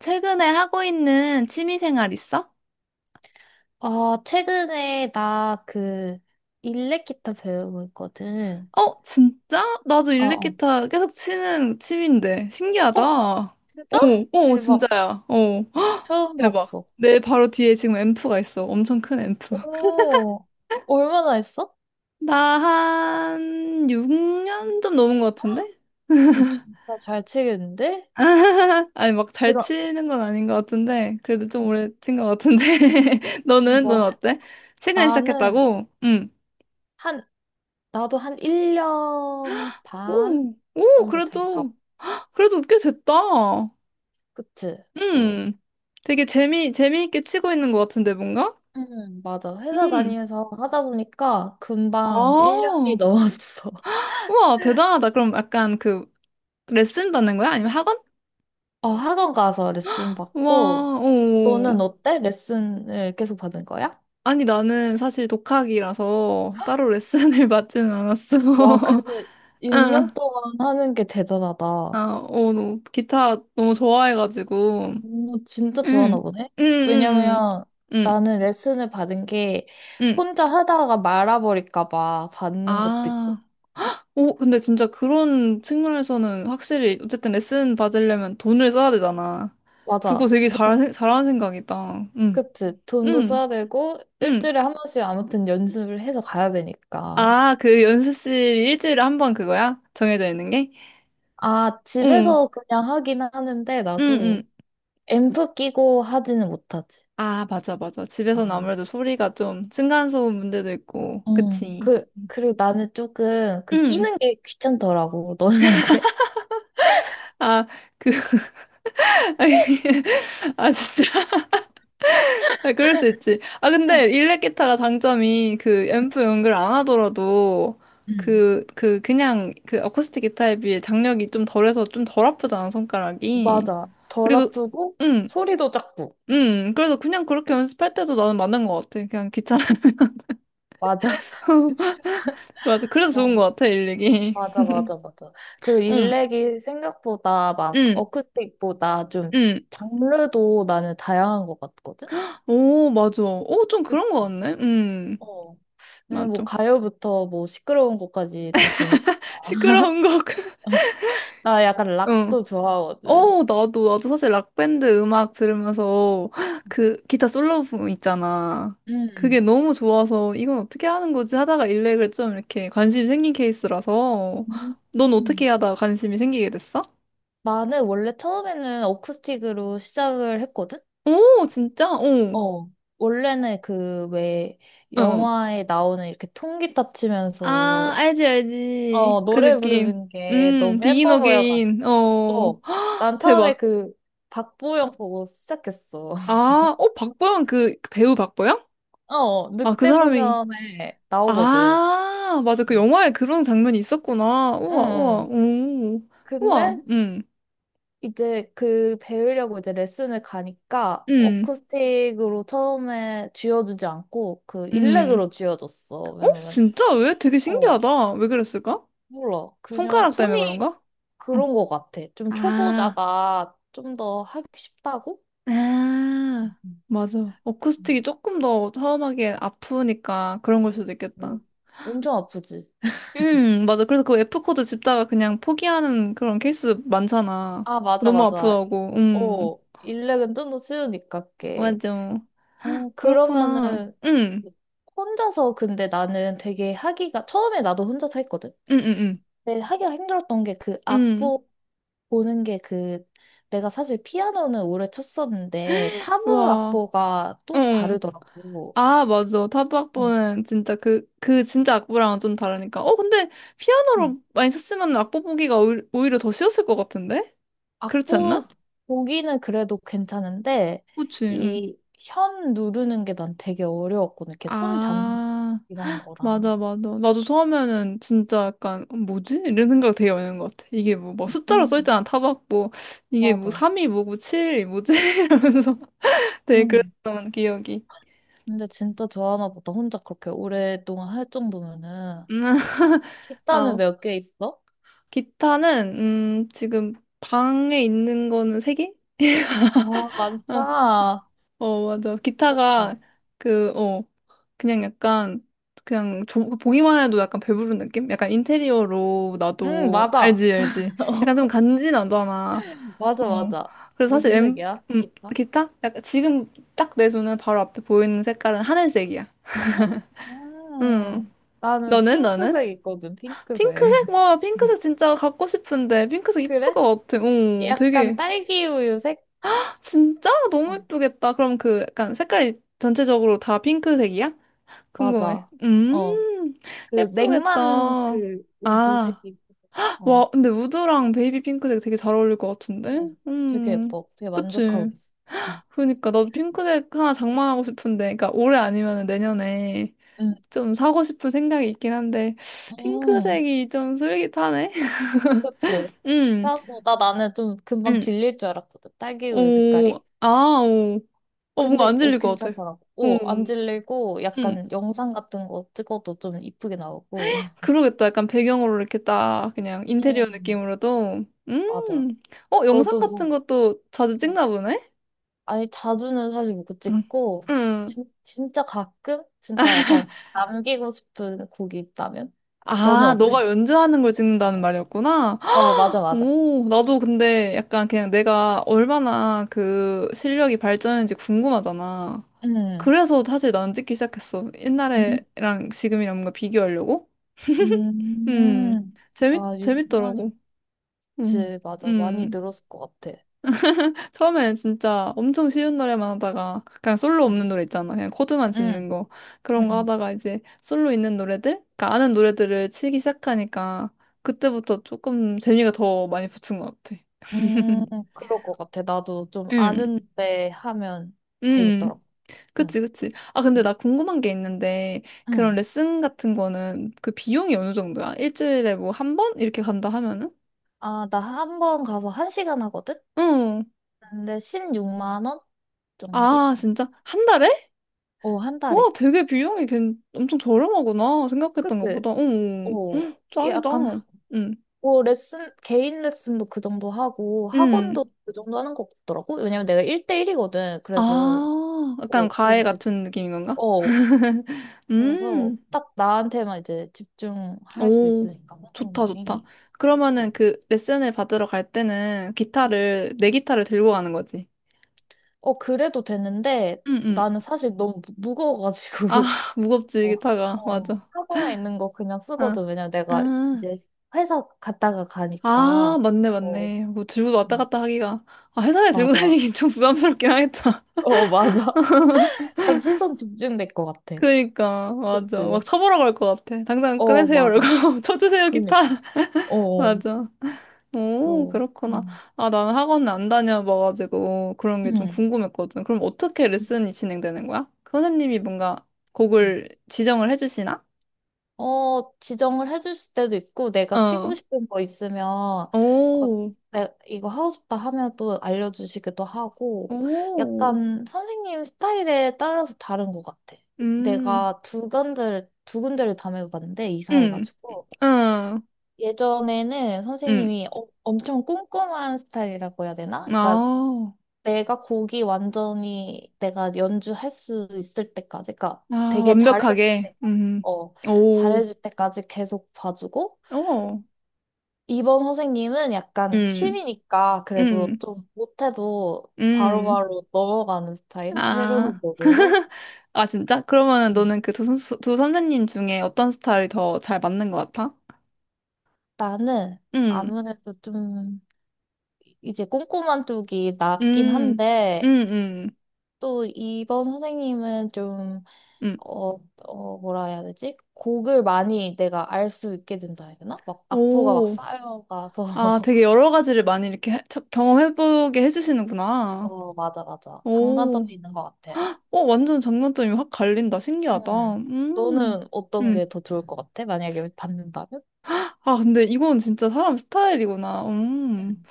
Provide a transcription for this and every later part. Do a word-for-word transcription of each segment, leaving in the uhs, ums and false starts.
최근에 하고 있는 취미생활 있어? 아, 최근에 나 그 일렉 기타 배우고 있거든. 어, 진짜? 나도 어, 어. 일렉기타 계속 치는 취미인데. 신기하다. 어, 진짜? 어, 어, 대박. 진짜야. 어, 헉, 처음 대박. 봤어. 내 바로 뒤에 지금 앰프가 있어. 엄청 큰 앰프. 오, 얼마나 했어? 나 한 육 년 좀 넘은 것 같은데? 어, 진짜 잘 치겠는데? 아니, 막 잘 그럼, 치는 건 아닌 것 같은데. 그래도 좀 오래 친 것 같은데. 너는? 너는 뭐, 어때? 최근에 나는 시작했다고? 응. 한, 나도 한 일 년 반 오, 오, 정도 될까? 그래도, 그래도 꽤 됐다. 그치? 뭐, 음, 되게 재미, 재미있게 치고 있는 것 같은데, 뭔가? 응 맞아. 회사 음, 다니면서 하다 보니까 금방 아, 일 년이 넘었어. 우와, 대단하다. 그럼 약간 그 레슨 받는 거야? 아니면 학원? 어, 학원 가서 레슨 받고, 우와, 오. 너는 어때? 레슨을 계속 받은 거야? 아니, 나는 사실 독학이라서 따로 레슨을 받지는 않았어. 와, 근데 응, 육 년 동안 하는 게 아, 대단하다. 어, 너 기타 너무 좋아해가지고. 음, 진짜 좋아하나 응, 보네? 응, 응, 왜냐면 응, 응. 나는 레슨을 받은 게 응. 혼자 하다가 말아버릴까 봐 받는 것도 있고. 아. 오, 근데 진짜 그런 측면에서는 확실히 어쨌든 레슨 받으려면 돈을 써야 되잖아. 그거 맞아. 되게 돈, 잘, 잘하는 생각이다. 응, 그치. 돈도 응, 써야 되고, 응. 일주일에 한 번씩 아무튼 연습을 해서 가야 되니까. 아, 그 연습실 일주일에 한 번 그거야? 정해져 있는 게? 아, 응, 집에서 그냥 하긴 하는데, 응, 응. 나도 앰프 끼고 하지는 못하지. 아, 맞아, 맞아. 집에서는 아, 아무래도 소리가 좀 층간소음 문제도 있고, 응. 그치? 그, 그리고 나는 조금 그 응. 끼는 게 귀찮더라고. 너는 안 그래? 아, 그, 아니, 아, 진짜. 아, 그럴 수 있지. 아, 근데 일렉 기타가 장점이 그 앰프 연결 안 하더라도 응. 그, 그, 그냥 그 어쿠스틱 기타에 비해 장력이 좀 덜해서 좀 덜 아프잖아, 손가락이. 맞아. 덜 그리고, 아프고 응, 소리도 작고. 응. 그래서 그냥 그렇게 연습할 때도 나는 맞는 것 같아. 그냥 귀찮아. 맞아. 맞아. 그래서 좋은 어. 것 같아, 일렉이. 맞아, 맞아, 맞아. 그리고 응, 일렉이 생각보다 막 응, 어쿠스틱보다 좀 응. 장르도 나는 다양한 것 같거든? 오, 맞아. 오, 좀 그런 것 그치. 같네. 응, 어. 왜냐면 뭐 맞아. 가요부터 뭐 시끄러운 것까지 다 되니까. 시끄러운 곡. 나 약간 응. 락도 좋아하거든. 어, 나도, 나도 사실 락밴드 음악 들으면서 그 기타 솔로 부분 있잖아. 그게 음. 너무 좋아서 이건 어떻게 하는 거지 하다가 일렉을 좀 이렇게 관심이 생긴 케이스라서 넌 어떻게 음. 하다가 관심이 생기게 됐어? 나는 원래 처음에는 어쿠스틱으로 시작을 했거든? 오, 진짜? 오, 어, 원래는 그 왜 어. 영화에 나오는 이렇게 통기타 치면서 아, 알지, 어 알지. 그 노래 느낌. 부르는 게 음, 너무 비긴 예뻐 보여가지고 어게인. 어, 어, 난 처음에 대박. 그 박보영 보고 시작했어. 아, 어, 박보영 그 배우 박보영? 어 아, 그 사람이. 늑대소년에 나오거든. 아, 맞아. 그 음. 영화에 그런 장면이 있었구나. 응. 우와, 우와, 응. 오. 우와, 근데 음, 이제 그 배우려고 이제 레슨을 가니까 음, 어쿠스틱으로 처음에 쥐어주지 않고 그 음. 일렉으로 쥐어줬어. 어? 왜냐면 진짜? 왜? 되게 어 신기하다. 왜 그랬을까? 몰라 그냥 손가락 때문에 손이 그런가? 응. 그런 것 같아. 좀 아, 초보자가 좀 더 하기 쉽다고? 음, 아, 맞아. 어쿠스틱이 음. 조금 더 처음하기엔 아프니까 그런 걸 수도 있겠다. 어, 엄청 아프지. 음, 맞아. 그래서 그 F코드 짚다가 그냥 포기하는 그런 케이스 많잖아. 아 맞아 너무 맞아. 아프다고. 음, 어 일렉은 좀 더 쉬우니까 게. 맞아. 어 그렇구나. 그러면은 음, 혼자서 근데 나는 되게 하기가 처음에 나도 혼자서 했거든. 음, 음, 음. 네, 하기가 힘들었던 게 그 응, 악보 보는 게 그 내가 사실 피아노는 오래 쳤었는데 타브 와, 악보가 또 응. 다르더라고. 아, 맞아. 응. 타박보는 진짜 그, 그 진짜 악보랑은 좀 다르니까. 어, 근데 응. 피아노로 많이 썼으면 악보 보기가 오히- 오히려 더 쉬웠을 것 같은데? 그렇지 악보 않나? 보기는 그래도 괜찮은데 그치, 응. 이 현 누르는 게 난 되게 어려웠거든. 이렇게 손 잡는 아, 이런 거랑. 맞아, 맞아. 나도 처음에는 진짜 약간, 어, 뭐지? 이런 생각 되게 많이 하는 것 같아. 이게 뭐, 막 숫자로 응 써있잖아, 타박보. 이게 뭐, 맞아. 삼이 뭐고, 칠이 뭐지? 이러면서 되게 응. 그랬던 기억이. 근데 진짜 좋아하나 보다. 혼자 그렇게 오랫동안 할 정도면은 음, 기, 기타는 아, 몇 개 있어? 기타는 음 지금 방에 있는 거는 세 개? 아, 아, 많다. 어 맞아. 좋겠다. 기타가 그 어 그냥 약간 그냥 저, 보기만 해도 약간 배부른 느낌? 약간 인테리어로 응, 나도 맞아. 알지 알지. 약간 좀 간지나잖아. 맞아, 어 맞아. 그래서 사실 무슨 엠 색이야? 음, 기타? 기타? 약간 지금 딱 내 손에 바로 앞에 보이는 색깔은 하늘색이야. 음 음, 나는 너는 너는? 핑크색이거든, 핑크색. 핑크색? 와 핑크색 진짜 갖고 싶은데 핑크색 이쁠 그래? 것 같아. 어 약간 되게. 딸기 우유 색? 진짜? 너무 어, 예쁘겠다. 그럼 그 약간 색깔이 전체적으로 다 핑크색이야? 궁금해. 맞아. 어, 음, 그 냉만 예쁘겠다. 그 아, 우드색이. 어, 와, 근데 우드랑 베이비 핑크색 되게 잘 어울릴 것 같은데? 응. 되게 음, 예뻐. 되게 만족하고 그치. 있어. 응, 그러니까 나도 핑크색 하나 장만하고 싶은데, 그러니까 올해 아니면 내년에 응, 좀 사고 싶은 생각이 있긴 한데, 응. 핑크색이 좀 슬깃하네? 그치? 음, 사고, 나 나는 좀 금방 음, 질릴 줄 알았거든, 딸기 우유 오, 색깔이. 아, 오. 어, 뭔가 근데 안 어, 질릴 것 같아. 괜찮더라고. 오 어, 안 질리고 음. 약간 영상 같은 거 찍어도 좀 이쁘게 나오고. 그러겠다. 약간 배경으로 이렇게 딱 그냥 인테리어 음, 느낌으로도. 맞아. 음. 어, 영상 너도 같은 뭐, 것도 자주 어, 찍나 보네? 아니, 자주는 사실 못 응. 찍고, 응. 진, 진짜 가끔? 진짜 약간 남기고 싶은 곡이 있다면? 너는 아, 어때? 너가 연주하는 걸 어, 찍는다는 말이었구나. 어, 맞아, 맞아. 오, 나도 근데 약간 그냥 내가 얼마나 그 실력이 발전했는지 궁금하잖아. 음, 그래서 사실 난 찍기 시작했어. 음, 옛날에랑 지금이랑 뭔가 비교하려고? 음, 음. 재밌, 아, 육 년이. 재밌더라고. 음, 그치, 맞아. 많이 음. 늘었을 것 같아. 처음엔 진짜 엄청 쉬운 노래만 하다가 그냥 솔로 없는 응, 노래 있잖아. 그냥 코드만 짚는 응, 거. 응. 그런 거 응. 하다가 이제 솔로 있는 노래들? 그러니까 아는 노래들을 치기 시작하니까 그때부터 조금 재미가 더 많이 붙은 것 같아. 음, 그럴 것 같아. 나도 좀 응, 아는데 하면 음, 재밌더라고. 응. 그치, 그치. 아, 근데 나 궁금한 게 있는데, 그런 응. 레슨 같은 거는 그 비용이 어느 정도야? 일주일에 뭐 한 번? 이렇게 간다 하면은? 아, 나 한 번 가서 한 시간 하거든? 응. 근데 십육만 원 정도? 아, 진짜? 한 달에? 오, 한 와, 달에. 되게 비용이 괜 엄청 저렴하구나. 생각했던 그치? 것보다. 어, 오, 헉, 짱이다. 약간, 응, 오, 레슨, 개인 레슨도 그 정도 하고, 응. 학원도 그 정도 하는 것 같더라고. 왜냐면 내가 일 대일이거든. 그래서, 아, 약간 오, 과외 그래서 대충. 같은 느낌인 건가? 어, 그래서 음, 딱 나한테만 이제 집중할 수 오, 있으니까, 좋다, 좋다. 선생님이. 그치? 그러면은 그 레슨을 받으러 갈 때는 기타를, 내 기타를 들고 가는 거지. 어, 그래도 되는데 응, 응. 나는 사실 너무 무- 아, 무거워가지고 무겁지, 어, 기타가. 어, 맞아. 학원에 있는 거 그냥 아, 쓰거든. 왜냐면 내가 아, 이제 회사 갔다가 아, 가니까. 맞네, 어. 맞네. 뭐 들고 왔다 음, 갔다 하기가. 아, 회사에 들고 맞아. 다니긴 좀 부담스럽긴 하겠다. 어, 맞아. 약간 시선 집중될 것 같아. 그니까, 맞아. 막 그치. 쳐보러고할 것 같아. 당장 어, 끊으세요. 이러고, 맞아. 쳐주세요, 기타. 그러니까. 어, 어. 맞아. 오, 어. 그렇구나. 음. 아, 나는 학원을 안 다녀봐가지고, 그런 게 좀 음. 궁금했거든. 그럼 어떻게 레슨이 진행되는 거야? 그 선생님이 뭔가 곡을 지정을 해주시나? 어, 지정을 해줄 때도 있고, 내가 치고 어. 싶은 거 있으면, 어, 오, 내, 이거 하고 싶다 하면 또 알려주시기도 하고, 오. 약간 선생님 스타일에 따라서 다른 것 같아. 음, 내가 두 군데를, 두 군데를 다녀봤는데, 음, 이사해가지고. 음, 예전에는 음. 선생님이 어- 엄청 꼼꼼한 스타일이라고 해야 되나? 그러니까 아, 내가 곡이 완전히 내가 연주할 수 있을 때까지, 그러니까 아, 되게 잘해줄 완벽하게. 때까지, 음, 어, 오, 잘해줄 때까지 계속 봐주고, 오, 이번 선생님은 약간 음, 취미니까 그래도 음, 좀 못해도 음. 바로바로 넘어가는 스타일? 새로운 아, 곡으로? 아, 진짜? 그러면은 음. 너는 그 두 선수, 두 선생님 중에 어떤 스타일이 더 잘 맞는 것 같아? 나는 응, 아무래도 좀 이제 꼼꼼한 쪽이 낫긴 음, 음, 한데, 음, 또 이번 선생님은 좀, 음. 어, 어, 뭐라 해야 되지? 곡을 많이 내가 알 수 있게 된다 해야 되나? 막 악보가 막 오, 쌓여가서. 아, 되게 여러 가지를 많이 이렇게 해- 쳐- 경험해보게 해주시는구나. 어, 맞아, 맞아. 오, 장단점이 있는 것 같아. 어, 완전 장단점이 확 갈린다. 신기하다. 응. 음, 너는 어떤 음. 게 더 좋을 것 같아? 만약에 받는다면? 아, 근데 이건 진짜 사람 스타일이구나. 음. 응,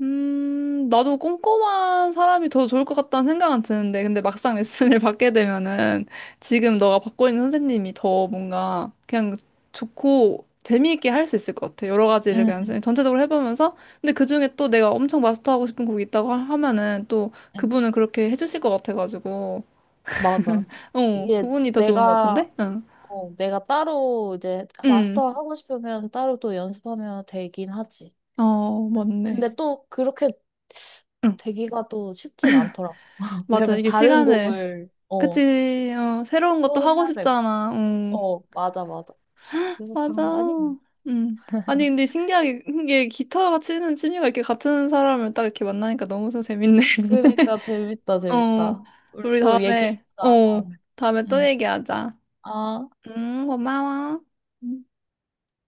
음, 나도 꼼꼼한 사람이 더 좋을 것 같다는 생각은 드는데, 근데 막상 레슨을 받게 되면은 지금 너가 받고 있는 선생님이 더 뭔가 그냥 좋고 재미있게 할 수 있을 것 같아. 여러 가지를 그냥 응, 선- 전체적으로 해보면서. 근데 그중에 또 내가 엄청 마스터하고 싶은 곡이 있다고 하- 하면은 또 응. 그분은 그렇게 해주실 것 같아가지고. 맞아. 어, 이게 그분이 더 좋은 것 같은데? 내가, 응. 어, 내가 따로 이제 음, 마스터 하고 싶으면 따로 또 연습하면 되긴 하지. 어, 응. 맞네. 근데 또 그렇게 응, 되기가 또 쉽진 않더라고. 맞아. 왜냐면 이게 다른 시간을. 곡을, 어, 그치, 어, 새로운 것도 또 하고 해야 되고. 싶잖아. 응. 어, 맞아, 맞아. 그래서 맞아. 장단이? 음. 아니, 근데 신기하게, 이게 기타 치는 취미가 이렇게 같은 사람을 딱 이렇게 만나니까 너무 서 재밌네. 그러니까 재밌다, 어, 재밌다. 우리 우리 또 다음에, 얘기해보자, 어, 다음에. 다음에 또 응. 얘기하자. 아. 음, 고마워. 음.